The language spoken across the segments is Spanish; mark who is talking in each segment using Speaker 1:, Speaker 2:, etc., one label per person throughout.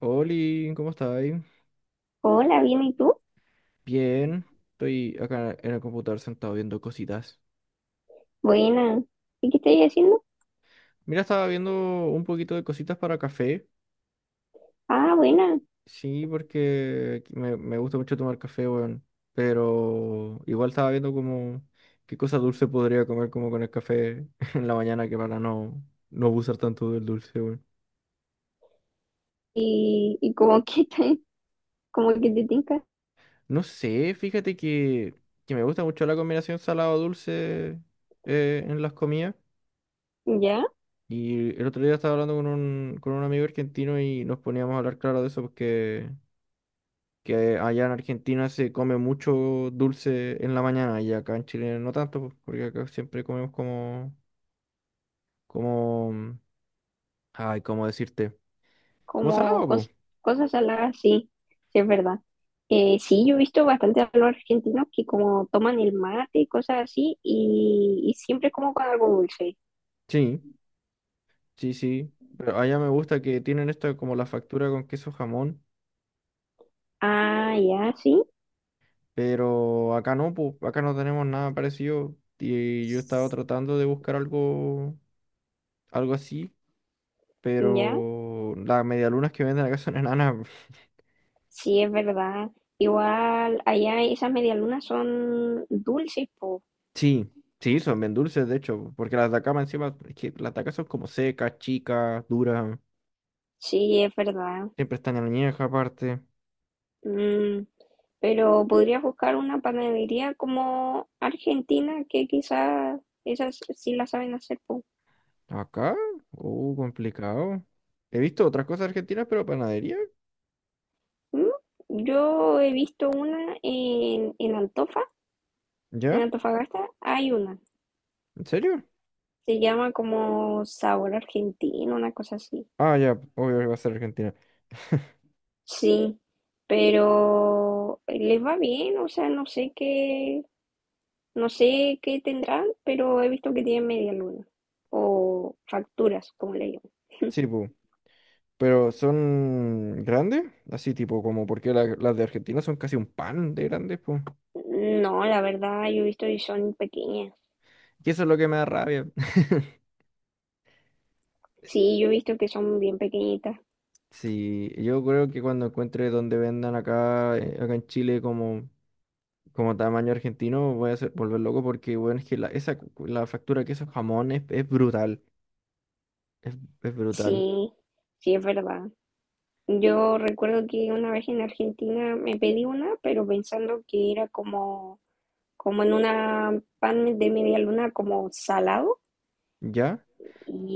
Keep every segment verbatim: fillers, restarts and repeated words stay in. Speaker 1: Oli, ¿cómo estáis?
Speaker 2: Hola, bien, ¿y tú?
Speaker 1: Bien, estoy acá en el computador sentado viendo cositas.
Speaker 2: Buena. ¿Y qué estáis haciendo?
Speaker 1: Mira, estaba viendo un poquito de cositas para café.
Speaker 2: Ah, buena.
Speaker 1: Sí, porque me, me gusta mucho tomar café, weón. Pero igual estaba viendo como qué cosa dulce podría comer como con el café en la mañana que para no, no abusar tanto del dulce, weón.
Speaker 2: ¿Y, y como que te, como que te tinca?
Speaker 1: No sé, fíjate que, que me gusta mucho la combinación salado-dulce eh, en las comidas.
Speaker 2: ¿Ya?
Speaker 1: Y el otro día estaba hablando con un, con un amigo argentino y nos poníamos a hablar, claro, de eso, porque que allá en Argentina se come mucho dulce en la mañana y acá en Chile no tanto, pues, porque acá siempre comemos como, como, ay, ¿cómo decirte? Como
Speaker 2: Como
Speaker 1: salado, pues.
Speaker 2: cos- cosas saladas, sí, sí, es verdad. Eh, sí, yo he visto bastante a los argentinos que como toman el mate y cosas así, y, y siempre como con algo dulce.
Speaker 1: Sí, sí, sí. Pero allá me gusta que tienen esta como la factura con queso jamón,
Speaker 2: Ah, ya, sí.
Speaker 1: pero acá no, pues, acá no tenemos nada parecido y yo estaba
Speaker 2: S-
Speaker 1: tratando de buscar algo, algo así.
Speaker 2: Ya,
Speaker 1: Pero las medialunas que venden acá son enanas.
Speaker 2: sí, es verdad. Igual, allá esas medialunas son dulces, po.
Speaker 1: Sí, sí, son bien dulces, de hecho, porque las de acá más encima, es que las de acá son como secas, chicas, duras,
Speaker 2: Sí, es verdad.
Speaker 1: siempre están en añeja aparte.
Speaker 2: Mm, pero podrías buscar una panadería como Argentina, que quizás esas sí la saben hacer, po.
Speaker 1: Acá, uh, complicado. He visto otras cosas argentinas, pero panadería,
Speaker 2: ¿Mm? Yo he visto una en, en Antofa, en
Speaker 1: ¿ya?
Speaker 2: Antofagasta hay una.
Speaker 1: ¿En serio?
Speaker 2: Se llama como Sabor Argentino, una cosa así.
Speaker 1: Ah, ya, obvio que va a ser Argentina.
Speaker 2: Sí, pero les va bien, o sea, no sé qué, no sé qué tendrán, pero he visto que tienen media luna o facturas, como le llaman.
Speaker 1: Sí, pu, pero son grandes, así tipo, como porque la- las de Argentina son casi un pan de grandes, pues.
Speaker 2: No, la verdad, yo he visto y son pequeñas.
Speaker 1: Y eso es lo que me da rabia.
Speaker 2: Sí, yo he visto que son bien pequeñitas.
Speaker 1: Sí, yo creo que cuando encuentre donde vendan acá, eh, acá en Chile como, como tamaño argentino, voy a hacer- volver loco porque, bueno, es que la, esa, cu- la factura que esos jamones es, es brutal, es, es brutal.
Speaker 2: Sí, sí, es verdad. Yo recuerdo que una vez en Argentina me pedí una, pero pensando que era como, como en una pan de media luna, como salado.
Speaker 1: ¿Ya?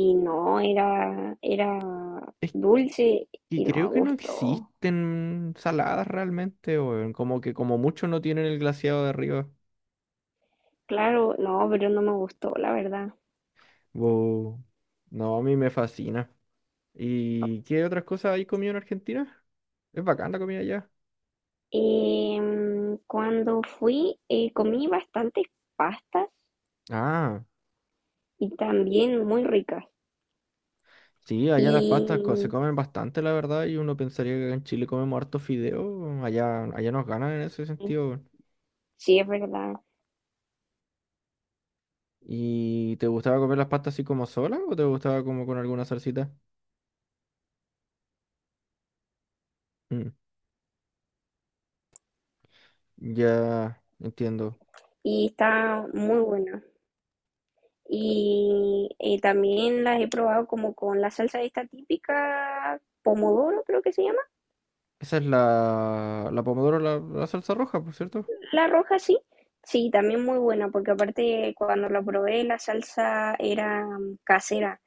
Speaker 2: Y no, era, era
Speaker 1: Es
Speaker 2: dulce
Speaker 1: que
Speaker 2: y no me
Speaker 1: creo que no
Speaker 2: gustó.
Speaker 1: existen saladas realmente, weón, como que como mucho no tienen el glaseado de arriba.
Speaker 2: Claro, no, pero no me gustó, la verdad.
Speaker 1: Wow. No, a mí me fascina. ¿Y qué otras cosas hay comido en Argentina? Es bacán la comida allá.
Speaker 2: Em, cuando fui, eh, comí bastantes pastas
Speaker 1: Ah.
Speaker 2: y también muy ricas.
Speaker 1: Sí, allá las pastas co- se
Speaker 2: Y
Speaker 1: comen bastante, la verdad, y uno pensaría que acá en Chile comemos harto fideo, allá, allá nos ganan en ese sentido, weón.
Speaker 2: sí, es verdad.
Speaker 1: ¿Y te gustaba comer las pastas así como solas o te gustaba como con alguna salsita? Mm, ya entiendo.
Speaker 2: Y está muy buena. Y, y también las he probado como con la salsa esta típica, pomodoro creo que se llama,
Speaker 1: Esa es la, la pomodoro, la, la salsa roja, por cierto.
Speaker 2: la roja sí. Sí, también muy buena, porque aparte cuando la probé la salsa era mm, casera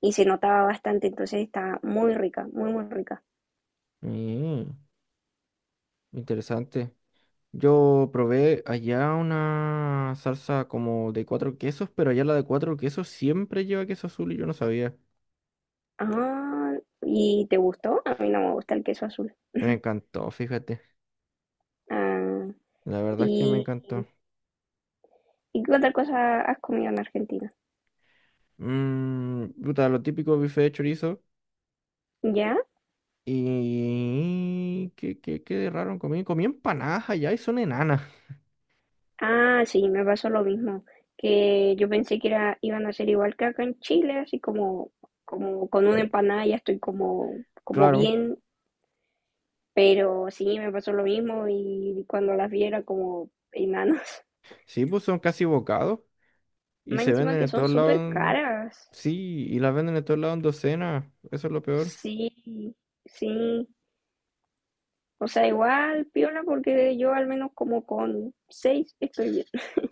Speaker 2: y se notaba bastante, entonces está muy rica, muy, muy rica.
Speaker 1: Mm, interesante. Yo probé allá una salsa como de cuatro quesos, pero allá la de cuatro quesos siempre lleva queso azul y yo no sabía.
Speaker 2: Ah, ¿y te gustó? A mí no me gusta el queso azul.
Speaker 1: Y me encantó, fíjate.
Speaker 2: Ah,
Speaker 1: La verdad es que me
Speaker 2: y
Speaker 1: encantó.
Speaker 2: ¿Y qué otra cosa has comido en Argentina?
Speaker 1: Mm, puta, lo típico bife de chorizo.
Speaker 2: ¿Ya?
Speaker 1: Y... ¿Qué, qué, qué de raro comí? Comí empanadas allá y son enanas.
Speaker 2: Ah, sí, me pasó lo mismo, que yo pensé que era, iban a ser igual que acá en Chile, así como, como con una
Speaker 1: Mm.
Speaker 2: empanada ya estoy como, como
Speaker 1: Claro.
Speaker 2: bien, pero sí, me pasó lo mismo y cuando las vi era como enanos.
Speaker 1: Sí, pues son casi bocados. Y
Speaker 2: Más
Speaker 1: se
Speaker 2: encima
Speaker 1: venden
Speaker 2: que
Speaker 1: en
Speaker 2: son
Speaker 1: todos lados,
Speaker 2: súper
Speaker 1: en-.
Speaker 2: caras.
Speaker 1: Sí, y las venden en todos lados en docenas. Eso es lo peor.
Speaker 2: Sí, sí. O sea, igual, piola, porque yo al menos como con seis estoy bien.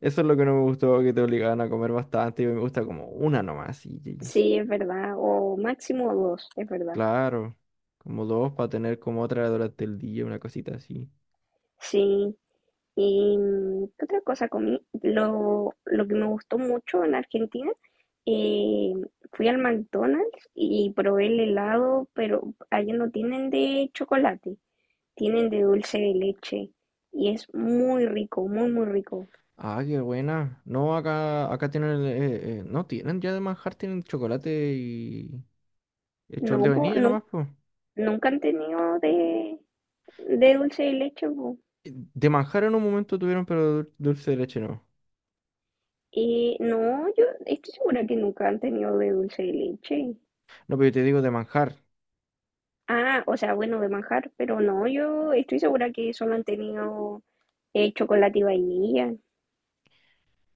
Speaker 1: Eso es lo que no me gustó, que te obligaban a comer bastante. Y me gusta como una nomás. Y, y-
Speaker 2: Sí, es verdad. O máximo dos, es verdad.
Speaker 1: claro. Como dos para tener como otra durante el día, una cosita así.
Speaker 2: Sí, y mm, ¿qué otra cosa comí? Lo, lo que me gustó mucho en Argentina, eh, fui al McDonald's y probé el helado, pero allá no tienen de chocolate, tienen de dulce de leche. Y es muy rico, muy, muy rico.
Speaker 1: Ah, qué buena. No, acá, acá tienen, el- eh, eh, no tienen ya de manjar, tienen chocolate y eh, chocolate de
Speaker 2: No, po,
Speaker 1: vainilla
Speaker 2: no,
Speaker 1: nomás, pues.
Speaker 2: nunca han tenido de, de dulce de leche, po.
Speaker 1: De manjar en un momento tuvieron, pero dul- dulce de leche no.
Speaker 2: Eh, no, yo estoy segura que nunca han tenido de dulce de leche.
Speaker 1: No, pero yo te digo de manjar,
Speaker 2: Ah, o sea, bueno, de manjar, pero no, yo estoy segura que solo han tenido Eh, chocolate y vainilla,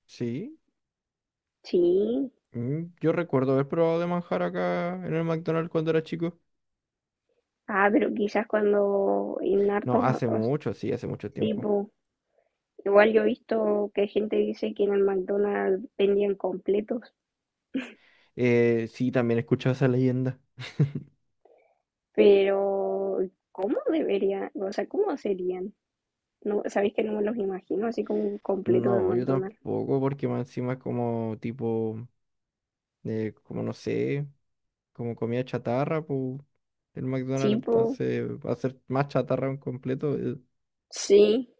Speaker 1: ¿sí?
Speaker 2: sí.
Speaker 1: Mm, yo recuerdo haber probado de manjar acá en el McDonald's cuando era chico.
Speaker 2: Ah, pero quizás cuando en
Speaker 1: No,
Speaker 2: hartos,
Speaker 1: hace
Speaker 2: os-
Speaker 1: mucho, sí, hace mucho
Speaker 2: sí,
Speaker 1: tiempo.
Speaker 2: po. Igual yo he visto que gente dice que en el McDonald's vendían completos,
Speaker 1: Eh, sí, también he escuchado esa leyenda.
Speaker 2: pero ¿cómo deberían? O sea, ¿cómo serían? No, sabéis que no me los imagino así como un completo del
Speaker 1: No, yo
Speaker 2: McDonald's.
Speaker 1: tampoco, porque más encima es como tipo, eh, como no sé, como comida chatarra, pues el
Speaker 2: Sí,
Speaker 1: McDonald's
Speaker 2: po,
Speaker 1: entonces va a ser más chatarra un completo, eh.
Speaker 2: sí.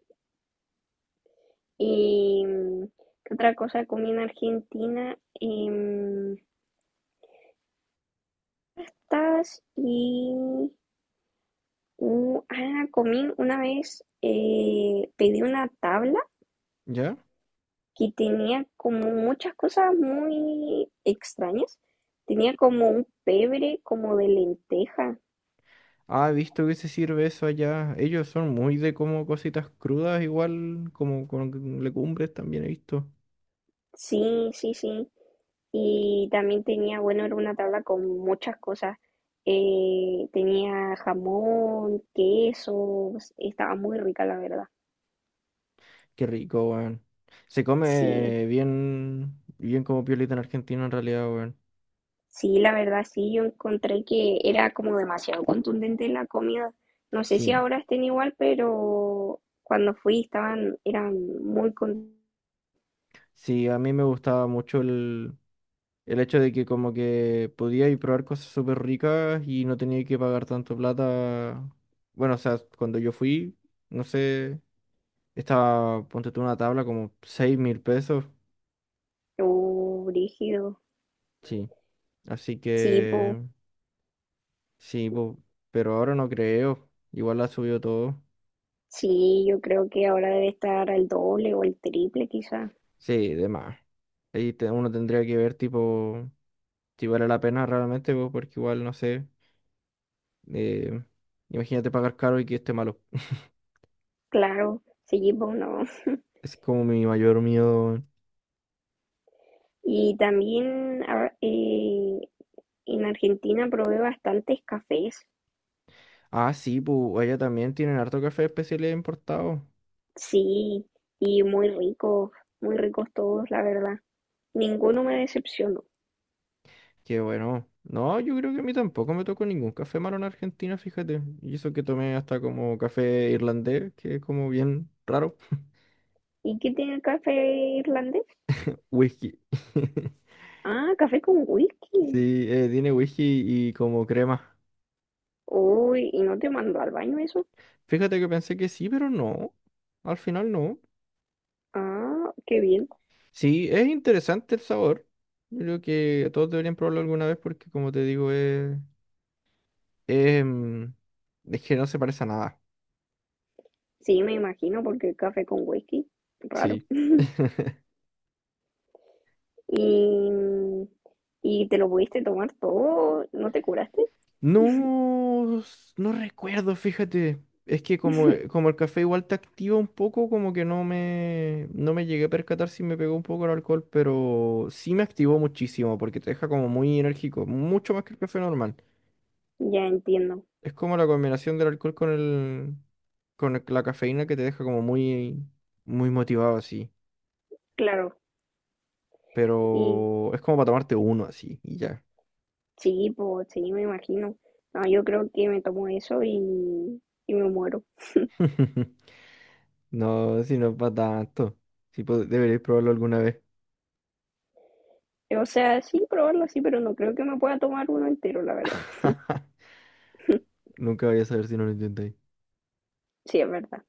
Speaker 2: Y mm, ¿qué otra cosa comí en Argentina? Em, tas y Uh, ah, comí una vez, eh, pedí una tabla
Speaker 1: ¿Ya?
Speaker 2: que tenía como muchas cosas muy extrañas. Tenía como un pebre, como de lenteja.
Speaker 1: Ah, he visto que se sirve eso allá. Ellos son muy de como cositas crudas, igual como con legumbres también he visto.
Speaker 2: Sí, sí, sí. Y también tenía, bueno, era una tabla con muchas cosas. Eh, tenía jamón, quesos, estaba muy rica, la verdad.
Speaker 1: Qué rico, weón. Se
Speaker 2: Sí.
Speaker 1: come bien, bien como piolita en Argentina en realidad, weón.
Speaker 2: Sí, la verdad sí, yo encontré que era como demasiado contundente la comida. No sé si
Speaker 1: Sí,
Speaker 2: ahora estén igual, pero cuando fui estaban, eran muy contundentes,
Speaker 1: sí, a mí me gustaba mucho el, El hecho de que como que podía ir probar cosas súper ricas y no tenía que pagar tanto plata. Bueno, o sea, cuando yo fui, no sé, estaba, ponte tú una tabla como seis mil pesos.
Speaker 2: rígidos.
Speaker 1: Sí. Así
Speaker 2: Sí,
Speaker 1: que,
Speaker 2: po.
Speaker 1: sí, po, pero ahora no creo. Igual ha subido todo.
Speaker 2: Sí, yo creo que ahora debe estar al doble o el triple quizá.
Speaker 1: Sí, de más. Ahí te- uno tendría que ver tipo si vale la pena realmente, po, porque igual, no sé, eh, imagínate pagar caro y que esté malo.
Speaker 2: Claro, sí, po, no.
Speaker 1: Es como mi mayor miedo.
Speaker 2: Y también a- eh, en Argentina probé bastantes cafés,
Speaker 1: Ah, sí, pues ella también tienen harto café especiales importado.
Speaker 2: sí, y muy ricos, muy ricos todos, la verdad. Ninguno me decepcionó.
Speaker 1: Qué bueno. No, yo creo que a mí tampoco me tocó ningún café malo en Argentina, fíjate. Y eso que tomé hasta como café irlandés, que es como bien raro.
Speaker 2: ¿Y qué tiene el café irlandés?
Speaker 1: Whisky.
Speaker 2: Ah, café con whisky.
Speaker 1: Sí, eh, tiene whisky y como crema.
Speaker 2: Uy, ¿y no te mandó al baño eso?
Speaker 1: Fíjate que pensé que sí, pero no. Al final no.
Speaker 2: Ah, qué bien.
Speaker 1: Sí, es interesante el sabor. Yo creo que todos deberían probarlo alguna vez porque, como te digo, es, es, mm, es que no se parece a nada.
Speaker 2: Sí, me imagino, porque el café con whisky, raro.
Speaker 1: Sí.
Speaker 2: Y, y te lo pudiste tomar todo, ¿no te curaste?
Speaker 1: No, s- no recuerdo, fíjate. Es que como, eh, como el café igual te activa un poco, como que no me, no me llegué a percatar si me pegó un poco el alcohol, pero sí me activó muchísimo porque te deja como muy enérgico, mucho más que el café normal.
Speaker 2: Ya entiendo,
Speaker 1: Es como la combinación del alcohol con el, con el- la cafeína que te deja como muy, muy motivado así.
Speaker 2: claro. Y
Speaker 1: Pero es como para tomarte uno así y ya.
Speaker 2: sí, pues sí, me imagino. No, yo creo que me tomo eso y, y me muero.
Speaker 1: No, si no es para tanto. Si deberéis probarlo alguna vez.
Speaker 2: O sea, sí, probarlo así, pero no creo que me pueda tomar uno entero, la verdad.
Speaker 1: Nunca voy a saber si no lo intentáis.
Speaker 2: Sí, es verdad.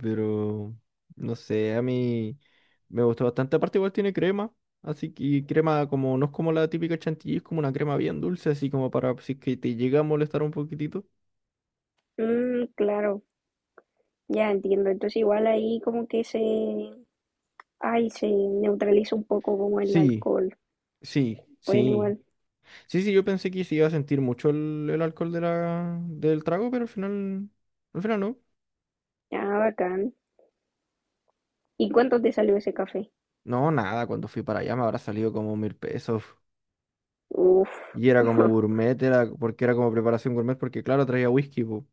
Speaker 1: Pero no sé, a mí me gustó bastante. Aparte, igual tiene crema. Así que y crema como no es como la típica chantilly, es como una crema bien dulce, así como para si es que te llega a molestar un poquitito.
Speaker 2: Mm, claro. Ya entiendo. Entonces igual ahí como que se, ay, se neutraliza un poco como el
Speaker 1: Sí,
Speaker 2: alcohol.
Speaker 1: sí,
Speaker 2: Bueno,
Speaker 1: sí.
Speaker 2: igual.
Speaker 1: Sí, sí, yo pensé que sí iba a sentir mucho el, el alcohol de la, del trago, pero al final, al final no.
Speaker 2: Ah, bacán. ¿Y cuánto te salió ese café?
Speaker 1: No, nada, cuando fui para allá me habrá salido como mil pesos.
Speaker 2: Uf,
Speaker 1: Y era como gourmet, era porque era como preparación gourmet, porque claro, traía whisky, po.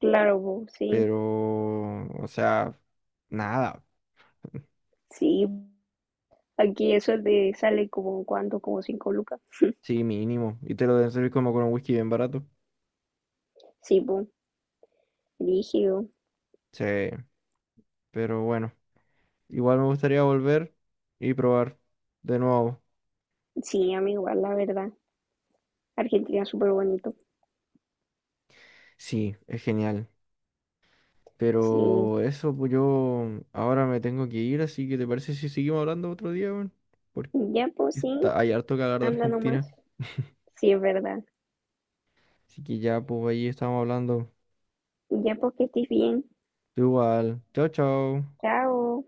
Speaker 2: claro, po, sí,
Speaker 1: Pero, o sea, nada.
Speaker 2: sí. Aquí eso te sale como cuánto, como cinco lucas.
Speaker 1: Sí, mínimo. Y te lo deben servir como con un whisky bien barato.
Speaker 2: Sí, po, rígido.
Speaker 1: Sí, pero bueno. Igual me gustaría volver y probar de nuevo.
Speaker 2: Sí, a mí igual, la verdad. Argentina es súper bonito.
Speaker 1: Sí, es genial.
Speaker 2: Sí.
Speaker 1: Pero eso, pues yo ahora me tengo que ir, así que ¿te parece si seguimos hablando otro día, weón? Porque
Speaker 2: Ya, pues sí,
Speaker 1: está, hay harto que hablar de
Speaker 2: anda nomás.
Speaker 1: Argentina.
Speaker 2: Sí, es verdad.
Speaker 1: Así que ya, pues ahí estamos hablando.
Speaker 2: Ya, pues que estés bien.
Speaker 1: Tú igual. Chao, chao.
Speaker 2: Chao.